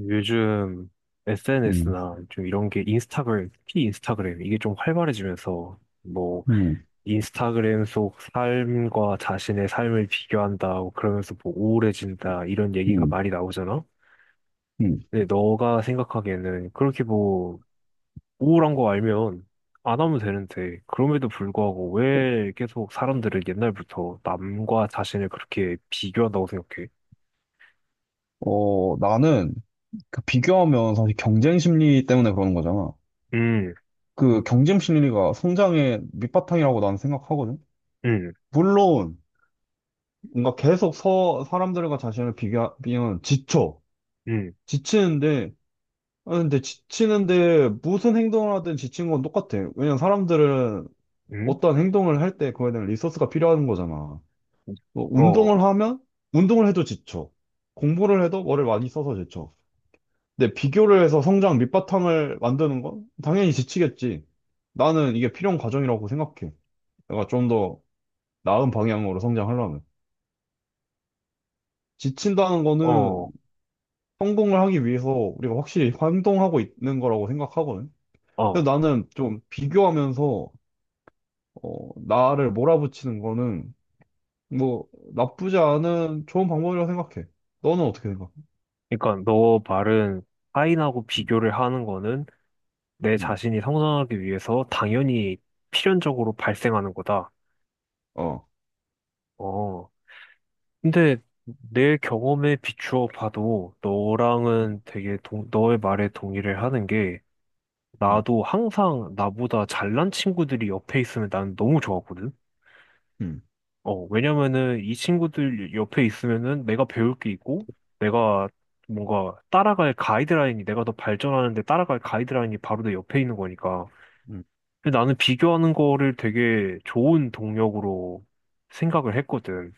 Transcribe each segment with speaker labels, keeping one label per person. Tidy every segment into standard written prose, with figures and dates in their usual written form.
Speaker 1: 요즘
Speaker 2: 음,
Speaker 1: SNS나 좀 이런 게 인스타그램, 특히 인스타그램, 이게 좀 활발해지면서 뭐
Speaker 2: 음,
Speaker 1: 인스타그램 속 삶과 자신의 삶을 비교한다, 뭐 그러면서 뭐 우울해진다, 이런 얘기가
Speaker 2: 음,
Speaker 1: 많이 나오잖아?
Speaker 2: 음.
Speaker 1: 근데 너가 생각하기에는 그렇게 뭐 우울한 거 알면 안 하면 되는데, 그럼에도 불구하고 왜 계속 사람들은 옛날부터 남과 자신을 그렇게 비교한다고 생각해?
Speaker 2: 어, 나는 그 비교하면 사실 경쟁 심리 때문에 그러는 거잖아.
Speaker 1: 음,
Speaker 2: 그 경쟁 심리가 성장의 밑바탕이라고 나는 생각하거든.
Speaker 1: 음,
Speaker 2: 물론, 뭔가 계속 사람들과 자신을 비교하면 지쳐.
Speaker 1: 음,
Speaker 2: 지치는데, 아, 근데 지치는데 무슨 행동을 하든 지친 건 똑같아. 왜냐면 사람들은
Speaker 1: 음,
Speaker 2: 어떤 행동을 할 때 그거에 대한 리소스가 필요한 거잖아. 뭐
Speaker 1: 어,
Speaker 2: 운동을 하면, 운동을 해도 지쳐. 공부를 해도 머리를 많이 써서 지쳐. 근데 비교를 해서 성장 밑바탕을 만드는 건 당연히 지치겠지. 나는 이게 필요한 과정이라고 생각해. 내가 좀 더 나은 방향으로 성장하려면. 지친다는 거는
Speaker 1: 어,
Speaker 2: 성공을 하기 위해서 우리가 확실히 행동하고 있는 거라고 생각하거든. 그래서
Speaker 1: 어.
Speaker 2: 나는 좀 비교하면서, 어, 나를 몰아붙이는 거는 뭐 나쁘지 않은 좋은 방법이라고 생각해. 너는 어떻게 생각해?
Speaker 1: 그러니까 너 말은 타인하고
Speaker 2: 음,
Speaker 1: 비교를 하는 거는 내
Speaker 2: 음,
Speaker 1: 자신이 성장하기 위해서 당연히 필연적으로 발생하는 거다.
Speaker 2: 어.
Speaker 1: 어. 근데 내 경험에 비추어 봐도
Speaker 2: 음,
Speaker 1: 너랑은 되게 너의 말에 동의를 하는 게
Speaker 2: 음,
Speaker 1: 나도 항상 나보다 잘난 친구들이 옆에 있으면 나는 너무 좋았거든.
Speaker 2: 음,
Speaker 1: 어, 왜냐면은 이 친구들 옆에 있으면은 내가 배울 게 있고, 내가 뭔가 따라갈 가이드라인이, 내가 더 발전하는데 따라갈 가이드라인이 바로 내 옆에 있는 거니까.
Speaker 2: 음,
Speaker 1: 근데 나는 비교하는 거를 되게 좋은 동력으로 생각을 했거든.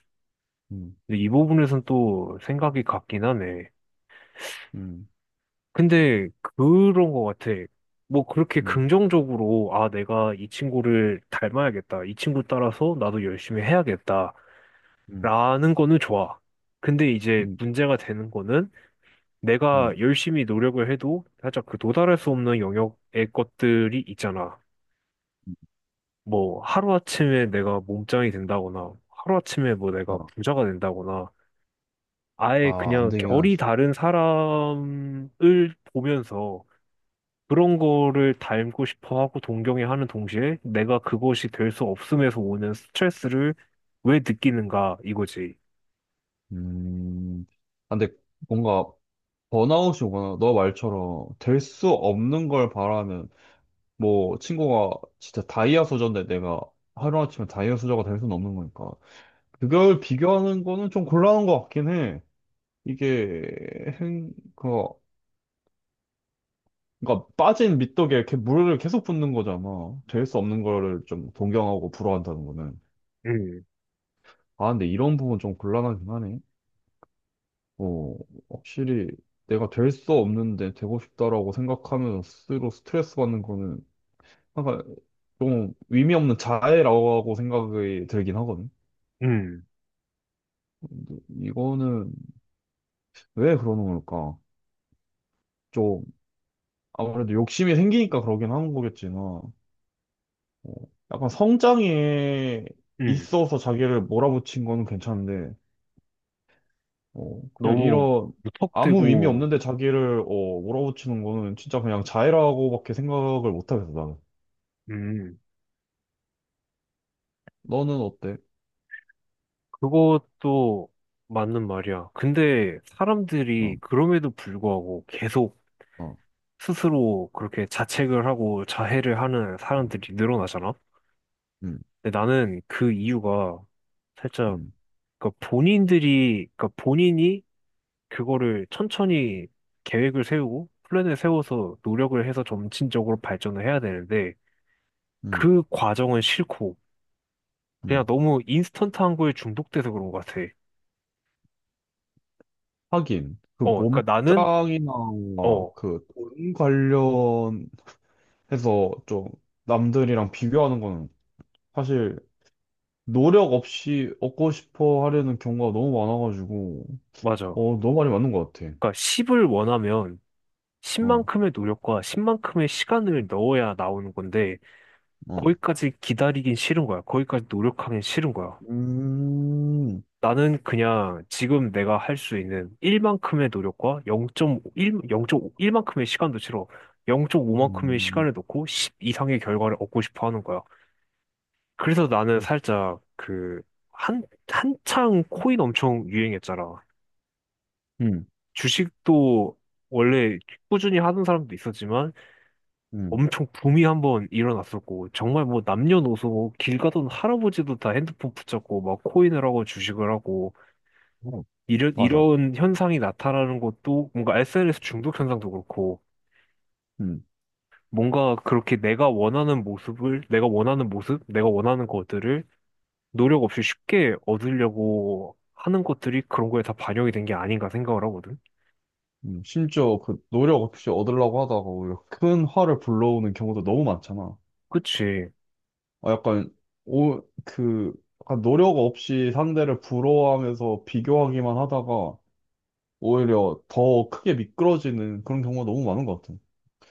Speaker 2: 음,
Speaker 1: 근데 이 부분에선 또 생각이 같긴 하네.
Speaker 2: 음,
Speaker 1: 근데 그런 거 같아. 뭐 그렇게
Speaker 2: 음,
Speaker 1: 긍정적으로, 아, 내가 이 친구를 닮아야겠다. 이 친구 따라서 나도 열심히 해야겠다.
Speaker 2: 음,
Speaker 1: 라는 거는 좋아. 근데
Speaker 2: 음,
Speaker 1: 이제
Speaker 2: 음.
Speaker 1: 문제가 되는 거는 내가
Speaker 2: 음,
Speaker 1: 열심히 노력을 해도 살짝 그 도달할 수 없는 영역의 것들이 있잖아. 뭐 하루아침에 내가 몸짱이 된다거나 하루아침에 뭐 내가 부자가 된다거나 아예
Speaker 2: 아, 안
Speaker 1: 그냥
Speaker 2: 되긴
Speaker 1: 결이
Speaker 2: 하지.
Speaker 1: 다른 사람을 보면서 그런 거를 닮고 싶어 하고 동경해 하는 동시에 내가 그것이 될 수 없음에서 오는 스트레스를 왜 느끼는가 이거지.
Speaker 2: 음, 아, 근데 뭔가 번아웃이 오거나 너 말처럼 될 수 없는 걸 바라면 뭐 친구가 진짜 다이아 소저인데 내가 하루아침에 다이아 소저가 될 수는 없는 거니까 그걸 비교하는 거는 좀 곤란한 것 같긴 해. 이게 행, 그, 그러니까 빠진 미떡에 이렇게 물을 계속 붓는 거잖아. 될 수 없는 거를 좀 동경하고 부러워한다는 거는.
Speaker 1: 음,
Speaker 2: 아, 근데 이런 부분 좀 곤란하긴 하네. 어, 확실히 내가 될 수 없는데 되고 싶다라고 생각하면서 스스로 스트레스 받는 거는 약간 좀 의미 없는 자해라고 생각이 들긴 하거든.
Speaker 1: 음,
Speaker 2: 근데 이거는 왜 그러는 걸까? 좀 아무래도 욕심이 생기니까 그러긴 하는 거겠지만, 어, 약간 성장에
Speaker 1: 음.
Speaker 2: 있어서 자기를 몰아붙인 거는 괜찮은데, 어, 그냥
Speaker 1: 너무
Speaker 2: 이런 아무 의미
Speaker 1: 무턱대고,
Speaker 2: 없는데 자기를 어, 몰아붙이는 거는 진짜 그냥 자해라고밖에 생각을 못 하겠어, 나는.
Speaker 1: 음,
Speaker 2: 너는 어때?
Speaker 1: 그것도 맞는 말이야. 근데 사람들이
Speaker 2: 어,
Speaker 1: 그럼에도 불구하고 계속
Speaker 2: 어,
Speaker 1: 스스로 그렇게 자책을 하고 자해를 하는
Speaker 2: 음,
Speaker 1: 사람들이 늘어나잖아?
Speaker 2: 음,
Speaker 1: 근데 나는 그 이유가 살짝,
Speaker 2: 음,
Speaker 1: 그러니까 본인들이, 그러니까 본인이 그거를 천천히 계획을 세우고 플랜을 세워서 노력을 해서 점진적으로 발전을 해야 되는데
Speaker 2: 음.
Speaker 1: 그 과정은 싫고 그냥
Speaker 2: 음.
Speaker 1: 너무 인스턴트한 거에 중독돼서 그런 것 같아.
Speaker 2: 하긴, 그
Speaker 1: 어, 그러니까 나는
Speaker 2: 몸짱이나 어,
Speaker 1: 어,
Speaker 2: 그돈 관련해서 좀 남들이랑 비교하는 거는 사실 노력 없이 얻고 싶어 하려는 경우가 너무 많아가지고,
Speaker 1: 맞아.
Speaker 2: 어, 너무 많이 맞는 것 같아.
Speaker 1: 그러니까 10을 원하면
Speaker 2: 어,
Speaker 1: 10만큼의 노력과 10만큼의 시간을 넣어야 나오는 건데
Speaker 2: 어.
Speaker 1: 거기까지 기다리긴 싫은 거야. 거기까지 노력하긴 싫은 거야.
Speaker 2: 음,
Speaker 1: 나는 그냥 지금 내가 할 수 있는 1만큼의 노력과 0 영점 일만큼의 시간도 싫어. 0.5만큼의
Speaker 2: 음,
Speaker 1: 시간을 넣고 10 이상의 결과를 얻고 싶어 하는 거야. 그래서 나는 살짝 그 한창 코인 엄청 유행했잖아.
Speaker 2: 음,
Speaker 1: 주식도 원래 꾸준히 하는 사람도 있었지만
Speaker 2: 음.
Speaker 1: 엄청 붐이 한번 일어났었고 정말 뭐 남녀노소 뭐 길 가던 할아버지도 다 핸드폰 붙잡고 막 코인을 하고 주식을 하고
Speaker 2: 어,
Speaker 1: 이런
Speaker 2: 맞아.
Speaker 1: 이런 현상이 나타나는 것도 뭔가 SNS 중독 현상도 그렇고
Speaker 2: 음,
Speaker 1: 뭔가 그렇게 내가 원하는 모습을 내가 원하는 모습 내가 원하는 것들을 노력 없이 쉽게 얻으려고 하는 것들이 그런 거에 다 반영이 된 게 아닌가 생각을 하거든.
Speaker 2: 심지어 그 노력 없이 얻으려고 하다가 오히려 큰 화를 불러오는 경우도 너무 많잖아.
Speaker 1: 그치?
Speaker 2: 어, 약간, 오, 그, 약간 노력 없이 상대를 부러워하면서 비교하기만 하다가 오히려 더 크게 미끄러지는 그런 경우가 너무 많은 것 같아요.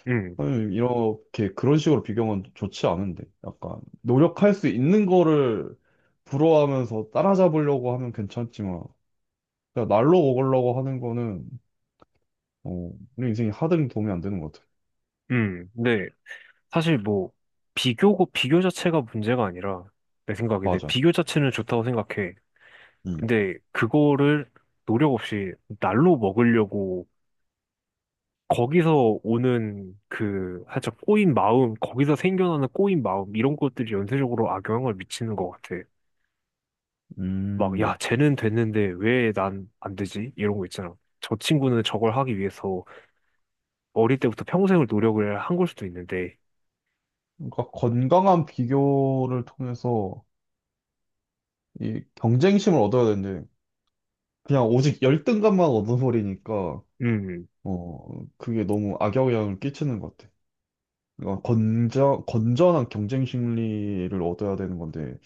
Speaker 1: 응,
Speaker 2: 선생님, 이렇게 그런 식으로 비교하면 좋지 않은데. 약간, 노력할 수 있는 거를 부러워하면서 따라잡으려고 하면 괜찮지만, 그냥 날로 먹으려고 하는 거는, 어, 우리 인생이 하등 도움이 안 되는 것 같아요.
Speaker 1: 응, 네. 사실 뭐 비교고 비교 자체가 문제가 아니라 내 생각인데
Speaker 2: 맞아.
Speaker 1: 비교 자체는 좋다고 생각해.
Speaker 2: 음.
Speaker 1: 근데 그거를 노력 없이 날로 먹으려고 거기서 오는 그 살짝 꼬인 마음, 거기서 생겨나는 꼬인 마음 이런 것들이 연쇄적으로 악영향을 미치는 것 같아. 막
Speaker 2: 음.
Speaker 1: 야, 쟤는 됐는데 왜 난 안 되지? 이런 거 있잖아. 저 친구는 저걸 하기 위해서 어릴 때부터 평생을 노력을 한 걸 수도 있는데,
Speaker 2: 그러니까 건강한 비교를 통해서 이 경쟁심을 얻어야 되는데 그냥 오직 열등감만 얻어버리니까
Speaker 1: 음,
Speaker 2: 어 그게 너무 악영향을 끼치는 것 같아. 그러니까 건전한 경쟁 심리를 얻어야 되는 건데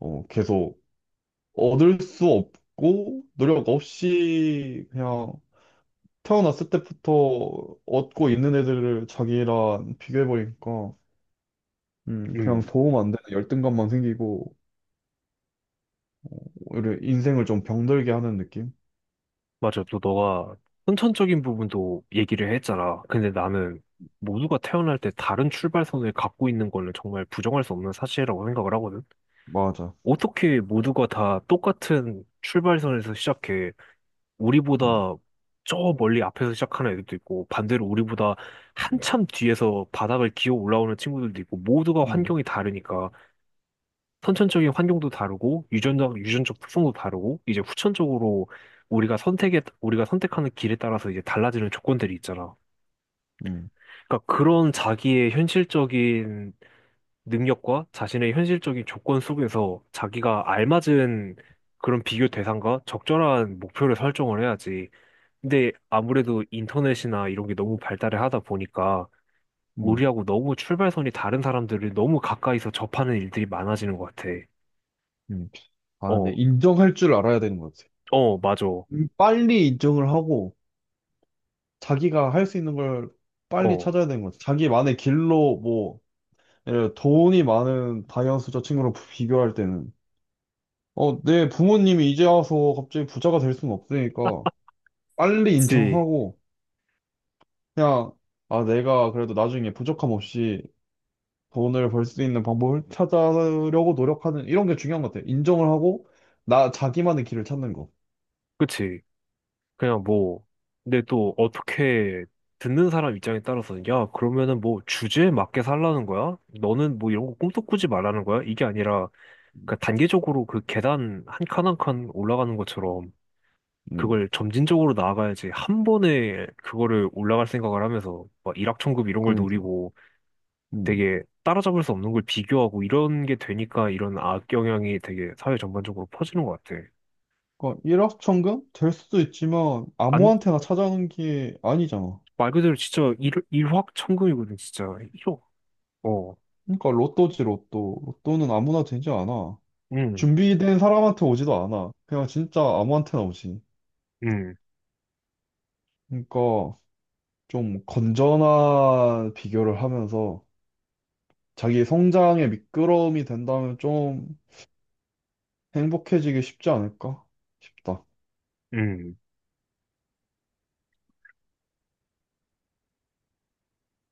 Speaker 2: 어 계속 얻을 수 없고 노력 없이 그냥 태어났을 때부터 얻고 있는 애들을 자기랑 비교해버리니까 그냥
Speaker 1: 음.
Speaker 2: 도움 안 되는 열등감만 생기고 어, 오히려 인생을 좀 병들게 하는 느낌?
Speaker 1: 맞아. 또 너가 선천적인 부분도 얘기를 했잖아. 근데 나는 모두가 태어날 때 다른 출발선을 갖고 있는 거는 정말 부정할 수 없는 사실이라고 생각을 하거든.
Speaker 2: 맞아.
Speaker 1: 어떻게 모두가 다 똑같은 출발선에서 시작해
Speaker 2: 음,
Speaker 1: 우리보다 저 멀리 앞에서 시작하는 애들도 있고 반대로 우리보다
Speaker 2: 음,
Speaker 1: 한참 뒤에서 바닥을 기어 올라오는 친구들도 있고 모두가
Speaker 2: 음.
Speaker 1: 환경이 다르니까 선천적인 환경도 다르고 유전적 특성도 다르고 이제 후천적으로 우리가 선택하는 길에 따라서 이제 달라지는 조건들이 있잖아.
Speaker 2: 음.
Speaker 1: 그러니까 그런 자기의 현실적인 능력과 자신의 현실적인 조건 속에서 자기가 알맞은 그런 비교 대상과 적절한 목표를 설정을 해야지. 근데 아무래도 인터넷이나 이런 게 너무 발달을 하다 보니까
Speaker 2: 음.
Speaker 1: 우리하고 너무 출발선이 다른 사람들을 너무 가까이서 접하는 일들이 많아지는 것 같아.
Speaker 2: 음. 아, 근데
Speaker 1: 어,
Speaker 2: 인정할 줄 알아야 되는 것 같아.
Speaker 1: 어, 맞아.
Speaker 2: 빨리 인정을 하고 자기가 할 수 있는 걸 빨리
Speaker 1: 어.
Speaker 2: 찾아야 되는 것 같아. 자기만의 길로 뭐 예를 들어 돈이 많은 다이언스 저 친구랑 비교할 때는 어, 내 부모님이 이제 와서 갑자기 부자가 될 수는 없으니까 빨리
Speaker 1: 그치,
Speaker 2: 인정하고 그냥 아, 내가 그래도 나중에 부족함 없이 돈을 벌 수 있는 방법을 찾으려고 노력하는 이런 게 중요한 것 같아. 인정을 하고 나 자기만의 길을 찾는 거.
Speaker 1: 그치. 그냥 뭐, 근데 또 어떻게 듣는 사람 입장에 따라서, 야, 그러면은 뭐 주제에 맞게 살라는 거야? 너는 뭐 이런 거 꿈도 꾸지 말라는 거야? 이게 아니라, 그러니까 단계적으로 그 계단 한 칸 한 칸 올라가는 것처럼,
Speaker 2: 음,
Speaker 1: 그걸 점진적으로 나아가야지 한 번에 그거를 올라갈 생각을 하면서, 막 일확천금 이런 걸
Speaker 2: 그러니까.
Speaker 1: 노리고
Speaker 2: 음.
Speaker 1: 되게 따라잡을 수 없는 걸 비교하고 이런 게 되니까 이런 악영향이 되게 사회 전반적으로 퍼지는 것 같아.
Speaker 2: 그러니까 일확천금? 될 수도 있지만
Speaker 1: 안...
Speaker 2: 아무한테나 찾아오는 게 아니잖아.
Speaker 1: 말 그대로 진짜 일확천금이거든, 진짜. 1억. 어.
Speaker 2: 그러니까 로또지 로또. 로또는 아무나 되지 않아.
Speaker 1: 음,
Speaker 2: 준비된 사람한테 오지도 않아. 그냥 진짜 아무한테나 오지.
Speaker 1: 음,
Speaker 2: 그러니까 좀 건전한 비교를 하면서 자기 성장의 미끄러움이 된다면 좀 행복해지기 쉽지 않을까 싶다.
Speaker 1: 음.